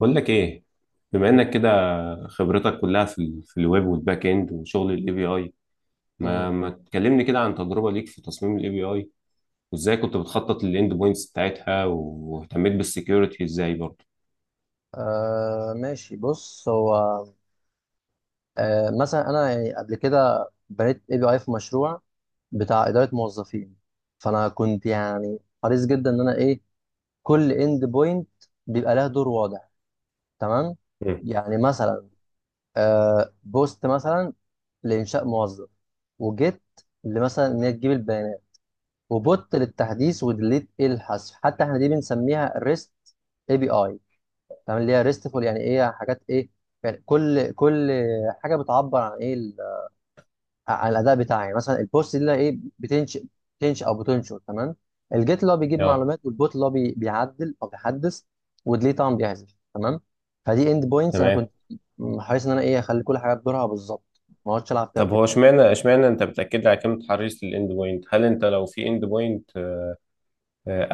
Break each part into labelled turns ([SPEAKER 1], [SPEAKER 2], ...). [SPEAKER 1] بقول لك ايه، بما
[SPEAKER 2] إيه؟
[SPEAKER 1] انك كده خبرتك كلها في ال في الويب والباك اند وشغل الاي بي اي، ما
[SPEAKER 2] مم.
[SPEAKER 1] ما تكلمني كده عن تجربه ليك في تصميم الاي بي اي، وازاي كنت بتخطط للاند بوينتس بتاعتها واهتميت بالسكيورتي ازاي برضه.
[SPEAKER 2] آه ماشي بص هو آه مثلا انا يعني قبل كده بنيت اي بي اي في مشروع بتاع اداره موظفين. فانا كنت يعني حريص جدا ان انا ايه، كل اند بوينت بيبقى لها دور واضح، تمام.
[SPEAKER 1] امم.
[SPEAKER 2] يعني مثلا بوست مثلا لانشاء موظف، وجيت لمثلا ان هي تجيب البيانات، وبوت للتحديث، وديليت إيه الحذف. حتى احنا دي بنسميها ريست اي بي اي، تمام، اللي هي ريستفول. يعني ايه حاجات ايه، يعني كل حاجه بتعبر عن ايه عن الاداء بتاعي. يعني مثلا البوست دي اللي هي ايه بتنشئ، بتنشئ او بتنشر، تمام. الجيت اللي هو بيجيب
[SPEAKER 1] اه.
[SPEAKER 2] معلومات، والبوت اللي هو بيعدل او بيحدث، وديليت طبعا بيحذف، تمام. فدي اند بوينتس انا
[SPEAKER 1] تمام.
[SPEAKER 2] كنت حريص ان انا ايه اخلي كل حاجه بدورها بالظبط، ما اقعدش العب فيها
[SPEAKER 1] طب
[SPEAKER 2] وكده.
[SPEAKER 1] هو اشمعنى انت بتاكد لي على كلمه حريص للاند بوينت؟ هل انت لو في اند بوينت،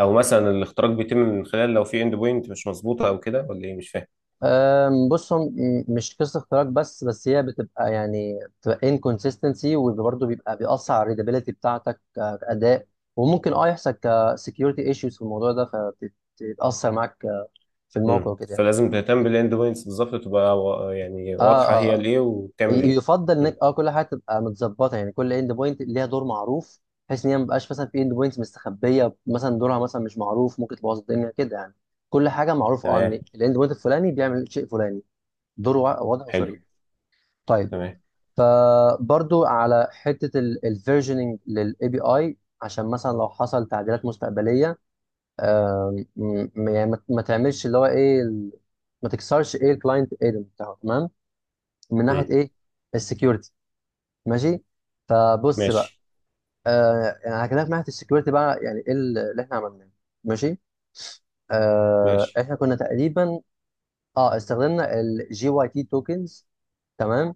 [SPEAKER 1] او مثلا الاختراق بيتم من خلال لو في اند بوينت مش مظبوطه او كده، ولا ايه؟ مش فاهم.
[SPEAKER 2] بص، مش قصه اختراق، بس هي بتبقى بتبقى انكونسيستنسي، وبرضه بيبقى بيأثر على الريدابيلتي بتاعتك كأداء، وممكن يحصل كسكيورتي ايشوز في الموضوع ده فبتتأثر معاك في الموقع
[SPEAKER 1] امم،
[SPEAKER 2] وكده يعني.
[SPEAKER 1] فلازم تهتم بالاند بوينتس بالظبط، تبقى يعني
[SPEAKER 2] اه
[SPEAKER 1] واضحه
[SPEAKER 2] اه
[SPEAKER 1] هي
[SPEAKER 2] آه.
[SPEAKER 1] الايه وبتعمل ايه.
[SPEAKER 2] يفضل انك
[SPEAKER 1] مم.
[SPEAKER 2] كل حاجه تبقى متظبطه، يعني كل اند بوينت ليها دور معروف، بحيث ان هي ما بقاش مثلا في اند بوينتس مستخبيه مثلا دورها مثلا مش معروف، ممكن تبوظ الدنيا كده يعني. كل حاجه معروف
[SPEAKER 1] تمام.
[SPEAKER 2] ان الاند بوينت الفلاني بيعمل شيء فلاني، دوره واضح
[SPEAKER 1] حلو.
[SPEAKER 2] وصريح. طيب،
[SPEAKER 1] تمام.
[SPEAKER 2] فبرضو على حته الفيرجننج للاي بي اي عشان مثلا لو حصل تعديلات مستقبليه يعني ما تعملش اللي هو ايه ما تكسرش ايه الكلاينت ايدن بتاعه، تمام، من ناحيه
[SPEAKER 1] مم.
[SPEAKER 2] ايه السكيورتي. ماشي، فبص بقى.
[SPEAKER 1] ماشي.
[SPEAKER 2] يعني هكلمك من ناحيه السكيورتي بقى. يعني ايه اللي احنا عملناه، ماشي.
[SPEAKER 1] ماشي.
[SPEAKER 2] احنا كنا تقريبا اه استخدمنا الجي واي تي توكنز، تمام.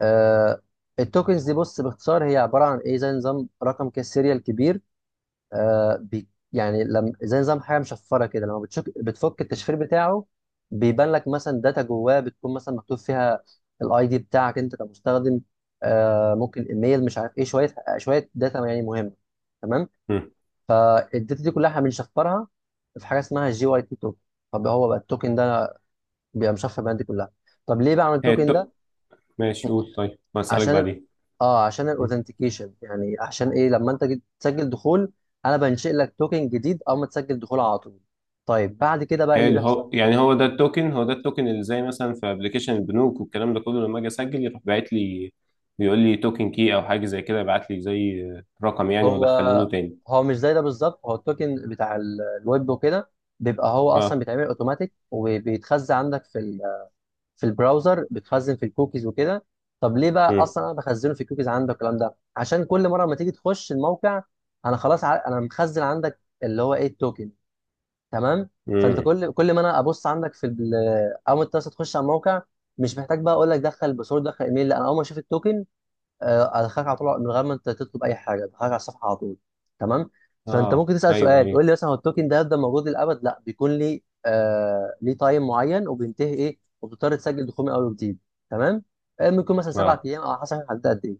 [SPEAKER 2] آه التوكنز دي بص باختصار هي عباره عن ايه، زي نظام رقم كده، سيريال كبير. آه بي يعني لما زي نظام حاجه مشفره كده، لما بتشك بتفك التشفير بتاعه بيبان لك مثلا داتا جواه بتكون مثلا مكتوب فيها الاي دي بتاعك انت كمستخدم، ممكن ايميل، مش عارف ايه، شويه شويه داتا يعني مهمه، تمام.
[SPEAKER 1] مم.
[SPEAKER 2] فالداتا دي كلها احنا بنشفرها في حاجه اسمها جي واي تي توكن. طب هو بقى التوكن ده بيبقى مشفر بالداتا دي كلها. طب ليه بعمل
[SPEAKER 1] هي
[SPEAKER 2] التوكن
[SPEAKER 1] التو...
[SPEAKER 2] ده؟
[SPEAKER 1] ماشي، قول، طيب هسألك
[SPEAKER 2] عشان
[SPEAKER 1] بعدين.
[SPEAKER 2] اه عشان
[SPEAKER 1] مم.
[SPEAKER 2] الاوثنتيكيشن، يعني عشان ايه لما انت تسجل دخول انا بنشئ لك توكن جديد اول ما تسجل دخول على طول. طيب بعد كده بقى إيه اللي
[SPEAKER 1] حلو.
[SPEAKER 2] بيحصل؟
[SPEAKER 1] هو يعني هو ده التوكن اللي زي مثلا في ابلكيشن البنوك والكلام ده كله، لما اجي اسجل يروح باعت لي، بيقول لي توكن كي او حاجه زي كده، يبعت لي زي رقم يعني،
[SPEAKER 2] هو
[SPEAKER 1] وادخله له تاني.
[SPEAKER 2] هو مش زي ده بالظبط، هو التوكن بتاع الويب وكده بيبقى هو اصلا
[SPEAKER 1] اه.
[SPEAKER 2] بيتعمل اوتوماتيك، وبيتخزن عندك في في البراوزر، بيتخزن في الكوكيز وكده. طب ليه بقى
[SPEAKER 1] مم.
[SPEAKER 2] اصلا انا بخزنه في الكوكيز عندك الكلام ده؟ عشان كل مره ما تيجي تخش الموقع انا خلاص انا مخزن عندك اللي هو ايه التوكن، تمام. فانت
[SPEAKER 1] مم.
[SPEAKER 2] كل ما انا ابص عندك في اول ما انت بس تخش على الموقع، مش محتاج بقى اقول لك دخل باسورد دخل ايميل، لا، انا اول ما اشوف التوكن ادخلك على طول من غير ما انت تطلب اي حاجه، ادخلك على الصفحه على طول، تمام. فانت
[SPEAKER 1] اه،
[SPEAKER 2] ممكن تسال
[SPEAKER 1] ايوه
[SPEAKER 2] سؤال
[SPEAKER 1] ايوه.
[SPEAKER 2] تقول لي مثلا، هو التوكن ده هيفضل موجود للابد؟ لا، بيكون لي ليه تايم معين وبينتهي ايه، وبتضطر تسجل دخول من اول وجديد، تمام. ممكن يكون مثلا سبع
[SPEAKER 1] اه.
[SPEAKER 2] ايام، او على حسب هتحدد قد ايه.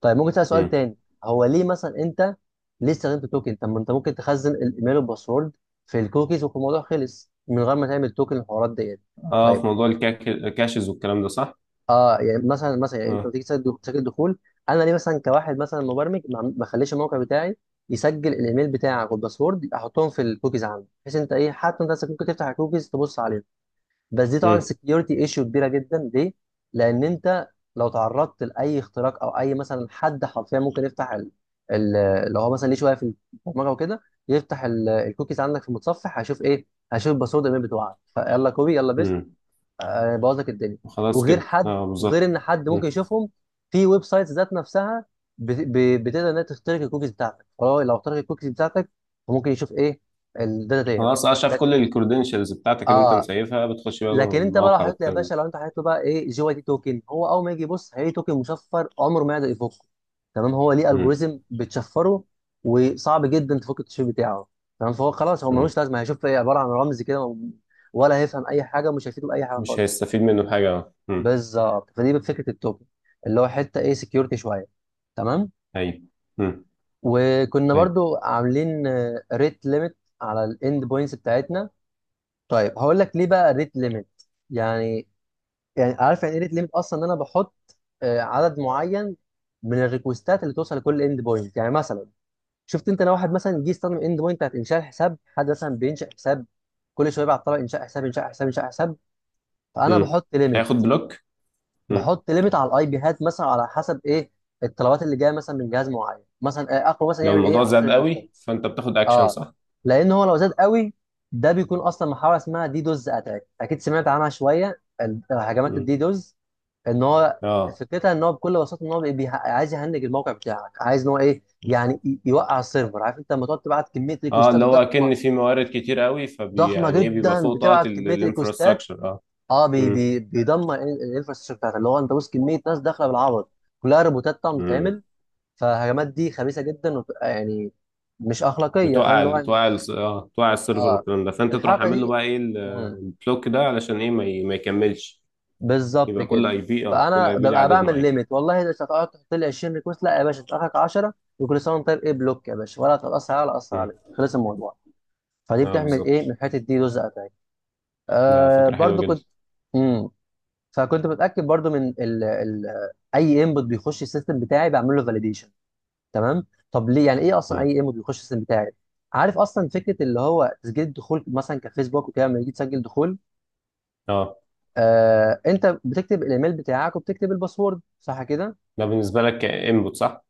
[SPEAKER 2] طيب ممكن اسال سؤال
[SPEAKER 1] مم.
[SPEAKER 2] تاني، هو ليه مثلا انت استخدمت توكن؟ طب ما انت ممكن تخزن الايميل والباسورد في الكوكيز وفي الموضوع خلص من غير ما تعمل توكن الحوارات ديت.
[SPEAKER 1] اه،
[SPEAKER 2] طيب،
[SPEAKER 1] في موضوع الكاشز والكلام ده، صح؟
[SPEAKER 2] اه يعني مثلا يعني انت
[SPEAKER 1] اه.
[SPEAKER 2] لما تيجي تسجل دخول، انا ليه مثلا كواحد مثلا مبرمج ما اخليش الموقع بتاعي يسجل الايميل بتاعك والباسورد احطهم في الكوكيز عندي، بحيث انت ايه حتى انت نفسك ممكن تفتح الكوكيز تبص عليهم؟ بس دي طبعا
[SPEAKER 1] مم.
[SPEAKER 2] سكيورتي ايشيو كبيره جدا. ليه؟ لان انت لو تعرضت لاي اختراق، او اي مثلا حد حرفيا ممكن يفتح ال... لو هو مثلا ليه شويه في البرمجه وكده، يفتح الكوكيز عندك في المتصفح، هيشوف ايه؟ هيشوف الباسورد الايميل بتوعك، فيلا كوبي يلا بيست،
[SPEAKER 1] مم.
[SPEAKER 2] بوظ لك الدنيا.
[SPEAKER 1] خلاص
[SPEAKER 2] وغير
[SPEAKER 1] كده،
[SPEAKER 2] حد
[SPEAKER 1] اه
[SPEAKER 2] وغير
[SPEAKER 1] بالظبط.
[SPEAKER 2] ان حد ممكن يشوفهم في ويب سايتس ذات نفسها بتقدر انها تخترق الكوكيز بتاعتك، فهو لو اخترق الكوكيز بتاعتك فممكن يشوف ايه الداتا ديت.
[SPEAKER 1] خلاص اه، شاف
[SPEAKER 2] لك-
[SPEAKER 1] كل الكredentials بتاعتك اللي انت
[SPEAKER 2] اه
[SPEAKER 1] مسيفها، بتخش بقى
[SPEAKER 2] لكن انت بقى لو
[SPEAKER 1] المواقع
[SPEAKER 2] حطيت له يا
[SPEAKER 1] والكلام ده.
[SPEAKER 2] باشا، لو انت حطيت له بقى ايه جي واي تي توكن، هو اول ما يجي يبص هيلاقي توكن مشفر عمره ما يقدر يفكه، تمام، هو ليه
[SPEAKER 1] مم.
[SPEAKER 2] الجوريزم بتشفره، وصعب جدا تفك التشفير بتاعه، تمام. فهو خلاص هو
[SPEAKER 1] مم.
[SPEAKER 2] ملوش لازمه، هيشوف ايه، عباره عن رمز كده، ولا هيفهم اي حاجه، مش هيفيده باي حاجه
[SPEAKER 1] مش
[SPEAKER 2] خالص.
[SPEAKER 1] هيستفيد منه حاجة. مم.
[SPEAKER 2] بالظبط، فدي فكره التوكن اللي هو حته ايه سكيورتي شويه، تمام.
[SPEAKER 1] ايوه. مم.
[SPEAKER 2] وكنا
[SPEAKER 1] طيب.
[SPEAKER 2] برضو عاملين ريت ليميت على الاند بوينتس بتاعتنا. طيب هقول لك ليه بقى ريت ليميت. يعني يعني عارف يعني ايه ريت ليميت اصلا؟ ان انا بحط عدد معين من الريكوستات اللي توصل لكل اند بوينت. يعني مثلا شفت انت لو واحد مثلا جه يستخدم اند بوينت بتاعت انشاء الحساب، حد مثلا بينشا حساب كل شويه، بيبعت طلب انشاء حساب انشاء حساب انشاء حساب، فانا
[SPEAKER 1] مم.
[SPEAKER 2] بحط ليميت.
[SPEAKER 1] هياخد بلوك. مم.
[SPEAKER 2] بحط ليميت على الاي بي، هات مثلا على حسب ايه الطلبات اللي جايه مثلا من جهاز معين، مثلا اخره مثلا
[SPEAKER 1] لو
[SPEAKER 2] يعمل ايه
[SPEAKER 1] الموضوع
[SPEAKER 2] 10
[SPEAKER 1] زاد
[SPEAKER 2] ريكوستات.
[SPEAKER 1] قوي فانت بتاخد اكشن،
[SPEAKER 2] اه
[SPEAKER 1] صح؟
[SPEAKER 2] لان هو لو زاد قوي ده بيكون اصلا محاوله اسمها دي دوز اتاك، اكيد سمعت عنها شويه هجمات
[SPEAKER 1] مم.
[SPEAKER 2] الدي دوز، ان هو
[SPEAKER 1] اه
[SPEAKER 2] فكرتها ان هو بكل بساطه ان هو عايز يهنج الموقع بتاعك، عايز ان هو ايه يعني يوقع السيرفر. عارف انت لما تقعد تبعت كميه
[SPEAKER 1] اه،
[SPEAKER 2] ريكوستات
[SPEAKER 1] اللي هو
[SPEAKER 2] ضخمه،
[SPEAKER 1] اكن في موارد كتير قوي فبي
[SPEAKER 2] ضخمه
[SPEAKER 1] يعني ايه، بيبقى
[SPEAKER 2] جدا،
[SPEAKER 1] فوق طاقة
[SPEAKER 2] بتبعت كميه ريكوستات،
[SPEAKER 1] الانفراستراكشر. اه.
[SPEAKER 2] اه بي
[SPEAKER 1] مم.
[SPEAKER 2] بي بيدمر الانفراستراكشر بتاعتك. اللي هو انت بص كميه ناس داخله بالعبط، كلها روبوتات طبعا
[SPEAKER 1] مم.
[SPEAKER 2] بتتعمل، فالهجمات دي خبيثه جدا، وبتبقى يعني مش اخلاقيه، فاهم
[SPEAKER 1] بتوقع
[SPEAKER 2] اللي هو
[SPEAKER 1] ال-
[SPEAKER 2] يعني.
[SPEAKER 1] بتوقع ال- اه بتوقع السيرفر
[SPEAKER 2] اه
[SPEAKER 1] والكلام ده، فانت تروح
[SPEAKER 2] الحركه
[SPEAKER 1] عامل له
[SPEAKER 2] دي،
[SPEAKER 1] بقى ايه ال-
[SPEAKER 2] مم،
[SPEAKER 1] البلوك ده علشان ايه ما يكملش.
[SPEAKER 2] بالظبط
[SPEAKER 1] يبقى كل
[SPEAKER 2] كده.
[SPEAKER 1] اي بي، اه، كل
[SPEAKER 2] فانا
[SPEAKER 1] اي بي له
[SPEAKER 2] ببقى
[SPEAKER 1] عدد
[SPEAKER 2] بعمل
[SPEAKER 1] معين.
[SPEAKER 2] ليميت، والله اذا هتقعد تحط لي 20 ريكوست، لا يا باشا اخرك 10، وكل سنه وانت طيب ايه، بلوك يا باشا، ولا تتاثر عليا ولا اثر
[SPEAKER 1] مم.
[SPEAKER 2] عليك، خلص الموضوع. فدي
[SPEAKER 1] اه
[SPEAKER 2] بتعمل ايه من
[SPEAKER 1] بالظبط.
[SPEAKER 2] الحته دي جزء اتاك.
[SPEAKER 1] ده
[SPEAKER 2] آه
[SPEAKER 1] فكرة حلوة
[SPEAKER 2] برضو
[SPEAKER 1] جدا.
[SPEAKER 2] كنت امم فكنت متاكد برضو من اي انبوت بيخش السيستم بتاعي بعمل له فاليديشن، تمام. طب ليه؟ يعني ايه اصلا
[SPEAKER 1] مم.
[SPEAKER 2] اي انبوت بيخش السيستم بتاعي؟ عارف اصلا فكره اللي هو تسجيل الدخول مثلا كفيسبوك وكده، لما يجي تسجل دخول،
[SPEAKER 1] اه.
[SPEAKER 2] انت بتكتب الايميل بتاعك وبتكتب الباسورد، صح كده؟
[SPEAKER 1] ده بالنسبة لك انبوت، صح؟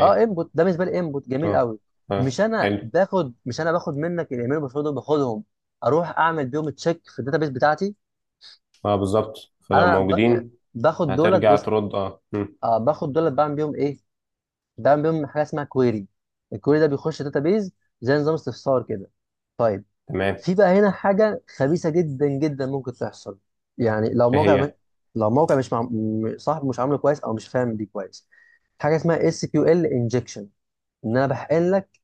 [SPEAKER 2] اه انبوت ده بالنسبه لي انبوت جميل
[SPEAKER 1] اه.
[SPEAKER 2] قوي.
[SPEAKER 1] اه.
[SPEAKER 2] مش انا
[SPEAKER 1] حلو.
[SPEAKER 2] باخد مش انا باخد منك الايميل والباسورد، باخدهم اروح اعمل بيهم تشيك في الداتابيس بتاعتي.
[SPEAKER 1] اه، بالظبط. فلو
[SPEAKER 2] يعني
[SPEAKER 1] موجودين
[SPEAKER 2] باخد دولت
[SPEAKER 1] هترجع
[SPEAKER 2] بوست،
[SPEAKER 1] ترد. اه. مم.
[SPEAKER 2] باخد دولت بعمل بيهم ايه، بعمل بيهم حاجه اسمها كويري. الكويري ده بيخش داتابيس، زي نظام استفسار كده. طيب،
[SPEAKER 1] تمام.
[SPEAKER 2] في بقى هنا حاجة خبيثة جدا جدا ممكن تحصل. يعني
[SPEAKER 1] ايه هي؟
[SPEAKER 2] لو موقع مش مع... م- صاحبه مش عامله كويس او مش فاهم دي كويس، حاجة اسمها اس كيو ال انجكشن، ان انا بحقن لك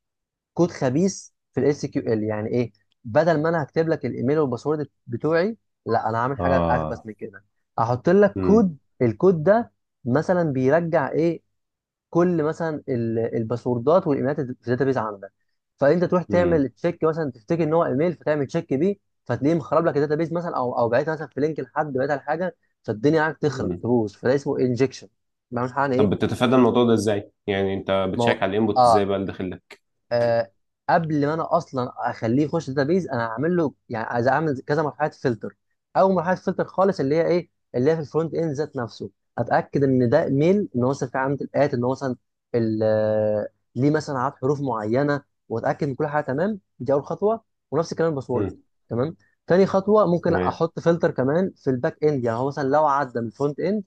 [SPEAKER 2] كود خبيث في الاس كيو ال. يعني ايه؟ بدل ما انا هكتب لك الايميل والباسورد بتوعي، لا، انا هعمل حاجة اخبث
[SPEAKER 1] اه.
[SPEAKER 2] من كده، هحط لك كود.
[SPEAKER 1] مم.
[SPEAKER 2] الكود ده مثلا بيرجع ايه؟ كل مثلا الباسوردات والايميلات اللي في الداتابيز عندك. فانت تروح تعمل
[SPEAKER 1] مم.
[SPEAKER 2] تشيك مثلا، تفتكر ان هو ايميل فتعمل تشيك بيه، فتلاقيه مخرب لك الداتابيز مثلا، او بعتها مثلا في لينك لحد، بعتها لحاجه، فالدنيا عندك تخرب
[SPEAKER 1] مم.
[SPEAKER 2] تبوظ. فده اسمه انجكشن، بعمل حاجه
[SPEAKER 1] طب
[SPEAKER 2] ايه.
[SPEAKER 1] بتتفادى الموضوع ده ازاي؟ يعني انت
[SPEAKER 2] ما هو
[SPEAKER 1] بتشيك على الانبوت ازاي
[SPEAKER 2] اه
[SPEAKER 1] بقى اللي داخل لك؟
[SPEAKER 2] آه قبل ما انا اصلا اخليه يخش داتابيز، انا هعمل له يعني عايز اعمل كذا مرحله فلتر. اول مرحله فلتر خالص اللي هي ايه، اللي هي في الفرونت اند ذات نفسه، اتاكد ان ده ميل، ان هو مثلا في علامه الات، ان هو مثلا ال- آه، ليه مثلا عدد حروف معينه، واتاكد ان كل حاجه تمام. دي اول خطوه، ونفس الكلام الباسورد،
[SPEAKER 1] مم.
[SPEAKER 2] تمام. تاني خطوه ممكن
[SPEAKER 1] تمام.
[SPEAKER 2] احط فلتر كمان في الباك اند. يعني هو مثلا لو عدى من الفرونت اند،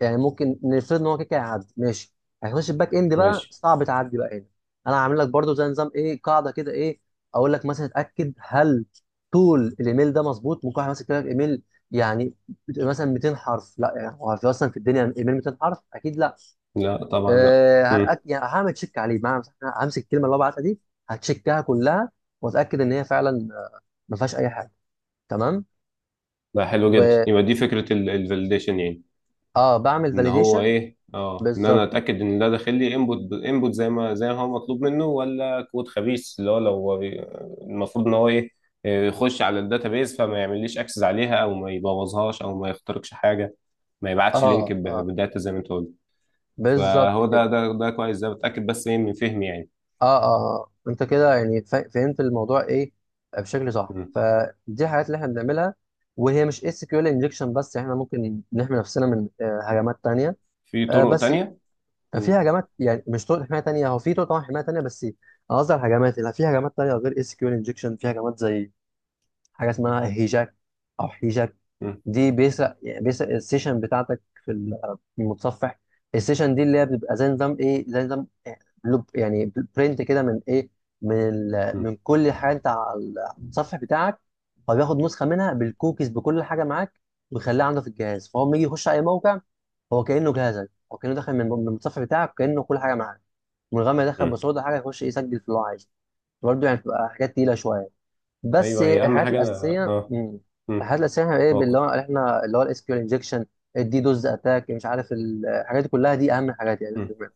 [SPEAKER 2] يعني ممكن نفرض ان هو كده كده هيعدي، ماشي، هيخش الباك اند بقى،
[SPEAKER 1] ماشي.
[SPEAKER 2] صعب تعدي بقى هنا. انا عامل لك برضو زي نظام ايه، قاعده كده ايه، اقول لك مثلا اتاكد هل طول الايميل ده مظبوط. ممكن واحد ماسك لك ايميل يعني مثلا 200 حرف؟ لا، يعني هو في اصلا في الدنيا ايميل 200 حرف؟ اكيد لا.
[SPEAKER 1] لا طبعا، لا. مم.
[SPEAKER 2] يعني هعمل تشيك عليه معنى، همسك الكلمه اللي هو بعتها دي، هتشيكها كلها، واتاكد ان هي فعلا ما فيهاش اي حاجه، تمام.
[SPEAKER 1] ده حلو جدا،
[SPEAKER 2] و
[SPEAKER 1] يبقى دي فكرة الفاليديشن يعني.
[SPEAKER 2] اه بعمل
[SPEAKER 1] ان هو
[SPEAKER 2] فاليديشن،
[SPEAKER 1] ايه، اه، ان انا
[SPEAKER 2] بالظبط.
[SPEAKER 1] اتاكد ان ده داخل لي انبوت زي ما هو مطلوب منه، ولا كود خبيث اللي هو لو المفروض ان هو ايه، آه، يخش على الداتابيز فما يعمليش اكسس عليها، او ما يبوظهاش، او ما يخترقش حاجه، ما يبعتش لينك
[SPEAKER 2] اه اه
[SPEAKER 1] بداتا زي ما انت قلت.
[SPEAKER 2] بالظبط
[SPEAKER 1] فهو ده
[SPEAKER 2] كده.
[SPEAKER 1] ده ده كويس، ده بتاكد بس ايه من فهمي يعني.
[SPEAKER 2] انت كده يعني فهمت الموضوع ايه بشكل صح.
[SPEAKER 1] مم.
[SPEAKER 2] فدي الحاجات اللي احنا بنعملها، وهي مش اس كيو ال انجكشن بس، احنا ممكن نحمي نفسنا من هجمات تانية.
[SPEAKER 1] في طرق
[SPEAKER 2] بس
[SPEAKER 1] تانية.
[SPEAKER 2] في
[SPEAKER 1] مم.
[SPEAKER 2] هجمات، يعني مش طرق حمايه تانية، هو في طرق طبعا حمايه تانية، بس انا قصدي على الهجمات، اللي في هجمات تانية غير اس كيو ال انجكشن. في هجمات زي حاجه اسمها هيجاك او هيجاك،
[SPEAKER 1] مم.
[SPEAKER 2] دي بيسرق يعني بيسرق السيشن بتاعتك في في المتصفح. السيشن دي اللي هي بتبقى زي نظام ايه، زي نظام لوب يعني، برنت كده من ايه، من
[SPEAKER 1] مم.
[SPEAKER 2] من كل حاجه انت على التصفح بتاعك، هو بياخد نسخه منها بالكوكيز بكل حاجه معاك، ويخليها عنده في الجهاز. فهو لما يجي يخش اي موقع، هو كانه جهازك، هو كانه داخل من المتصفح بتاعك، كانه كل حاجه معاك، من غير ما يدخل
[SPEAKER 1] مم.
[SPEAKER 2] باسورد حاجه، يخش يسجل في اللي هو عايزه. برضه يعني بتبقى حاجات تقيله شويه، بس
[SPEAKER 1] ايوه، هي اهم
[SPEAKER 2] الحاجات
[SPEAKER 1] حاجه انا،
[SPEAKER 2] الاساسيه،
[SPEAKER 1] اه.
[SPEAKER 2] مم،
[SPEAKER 1] مم.
[SPEAKER 2] الحاجات الاساسيه احنا ايه،
[SPEAKER 1] هو
[SPEAKER 2] اللي
[SPEAKER 1] كنت
[SPEAKER 2] هو احنا اللي هو الاس كيو ال انجكشن، الدي دوز اتاك، مش عارف الحاجات دي كلها، دي اهم حاجات يعني احنا بنعملها.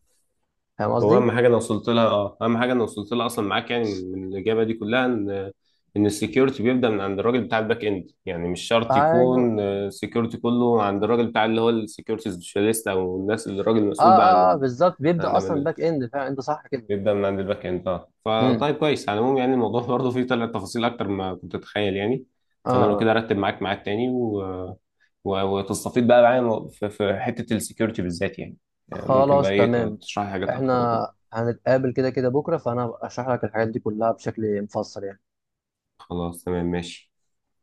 [SPEAKER 2] فاهم
[SPEAKER 1] هو
[SPEAKER 2] قصدي؟
[SPEAKER 1] اهم حاجه انا وصلت لها اه اهم حاجه انا وصلت لها اصلا معاك يعني، من الاجابه دي كلها، ان السكيورتي بيبدا من عند الراجل بتاع الباك اند، يعني مش شرط
[SPEAKER 2] ايوه.
[SPEAKER 1] يكون السكيورتي كله عند الراجل بتاع اللي هو السكيورتي سبيشاليست، او الناس اللي الراجل المسؤول بقى
[SPEAKER 2] بالظبط،
[SPEAKER 1] عن
[SPEAKER 2] بيبدا
[SPEAKER 1] امان
[SPEAKER 2] اصلا باك اند فعلا، انت صح كده.
[SPEAKER 1] بيبدا من عند الباك اند. اه،
[SPEAKER 2] امم
[SPEAKER 1] فطيب كويس. على العموم يعني، الموضوع برضه فيه، طلع تفاصيل اكتر ما كنت اتخيل يعني.
[SPEAKER 2] اه
[SPEAKER 1] فانا لو
[SPEAKER 2] آه.
[SPEAKER 1] كده ارتب معاك ميعاد تاني، وتستفيد بقى معايا في حته السكيورتي بالذات يعني. آه، ممكن بقى
[SPEAKER 2] خلاص
[SPEAKER 1] ايه
[SPEAKER 2] تمام،
[SPEAKER 1] تشرح لي حاجات اكتر وكده.
[SPEAKER 2] احنا هنتقابل كده كده بكره، فانا هبقى اشرح لك الحاجات دي كلها بشكل مفصل يعني.
[SPEAKER 1] خلاص، تمام، ماشي.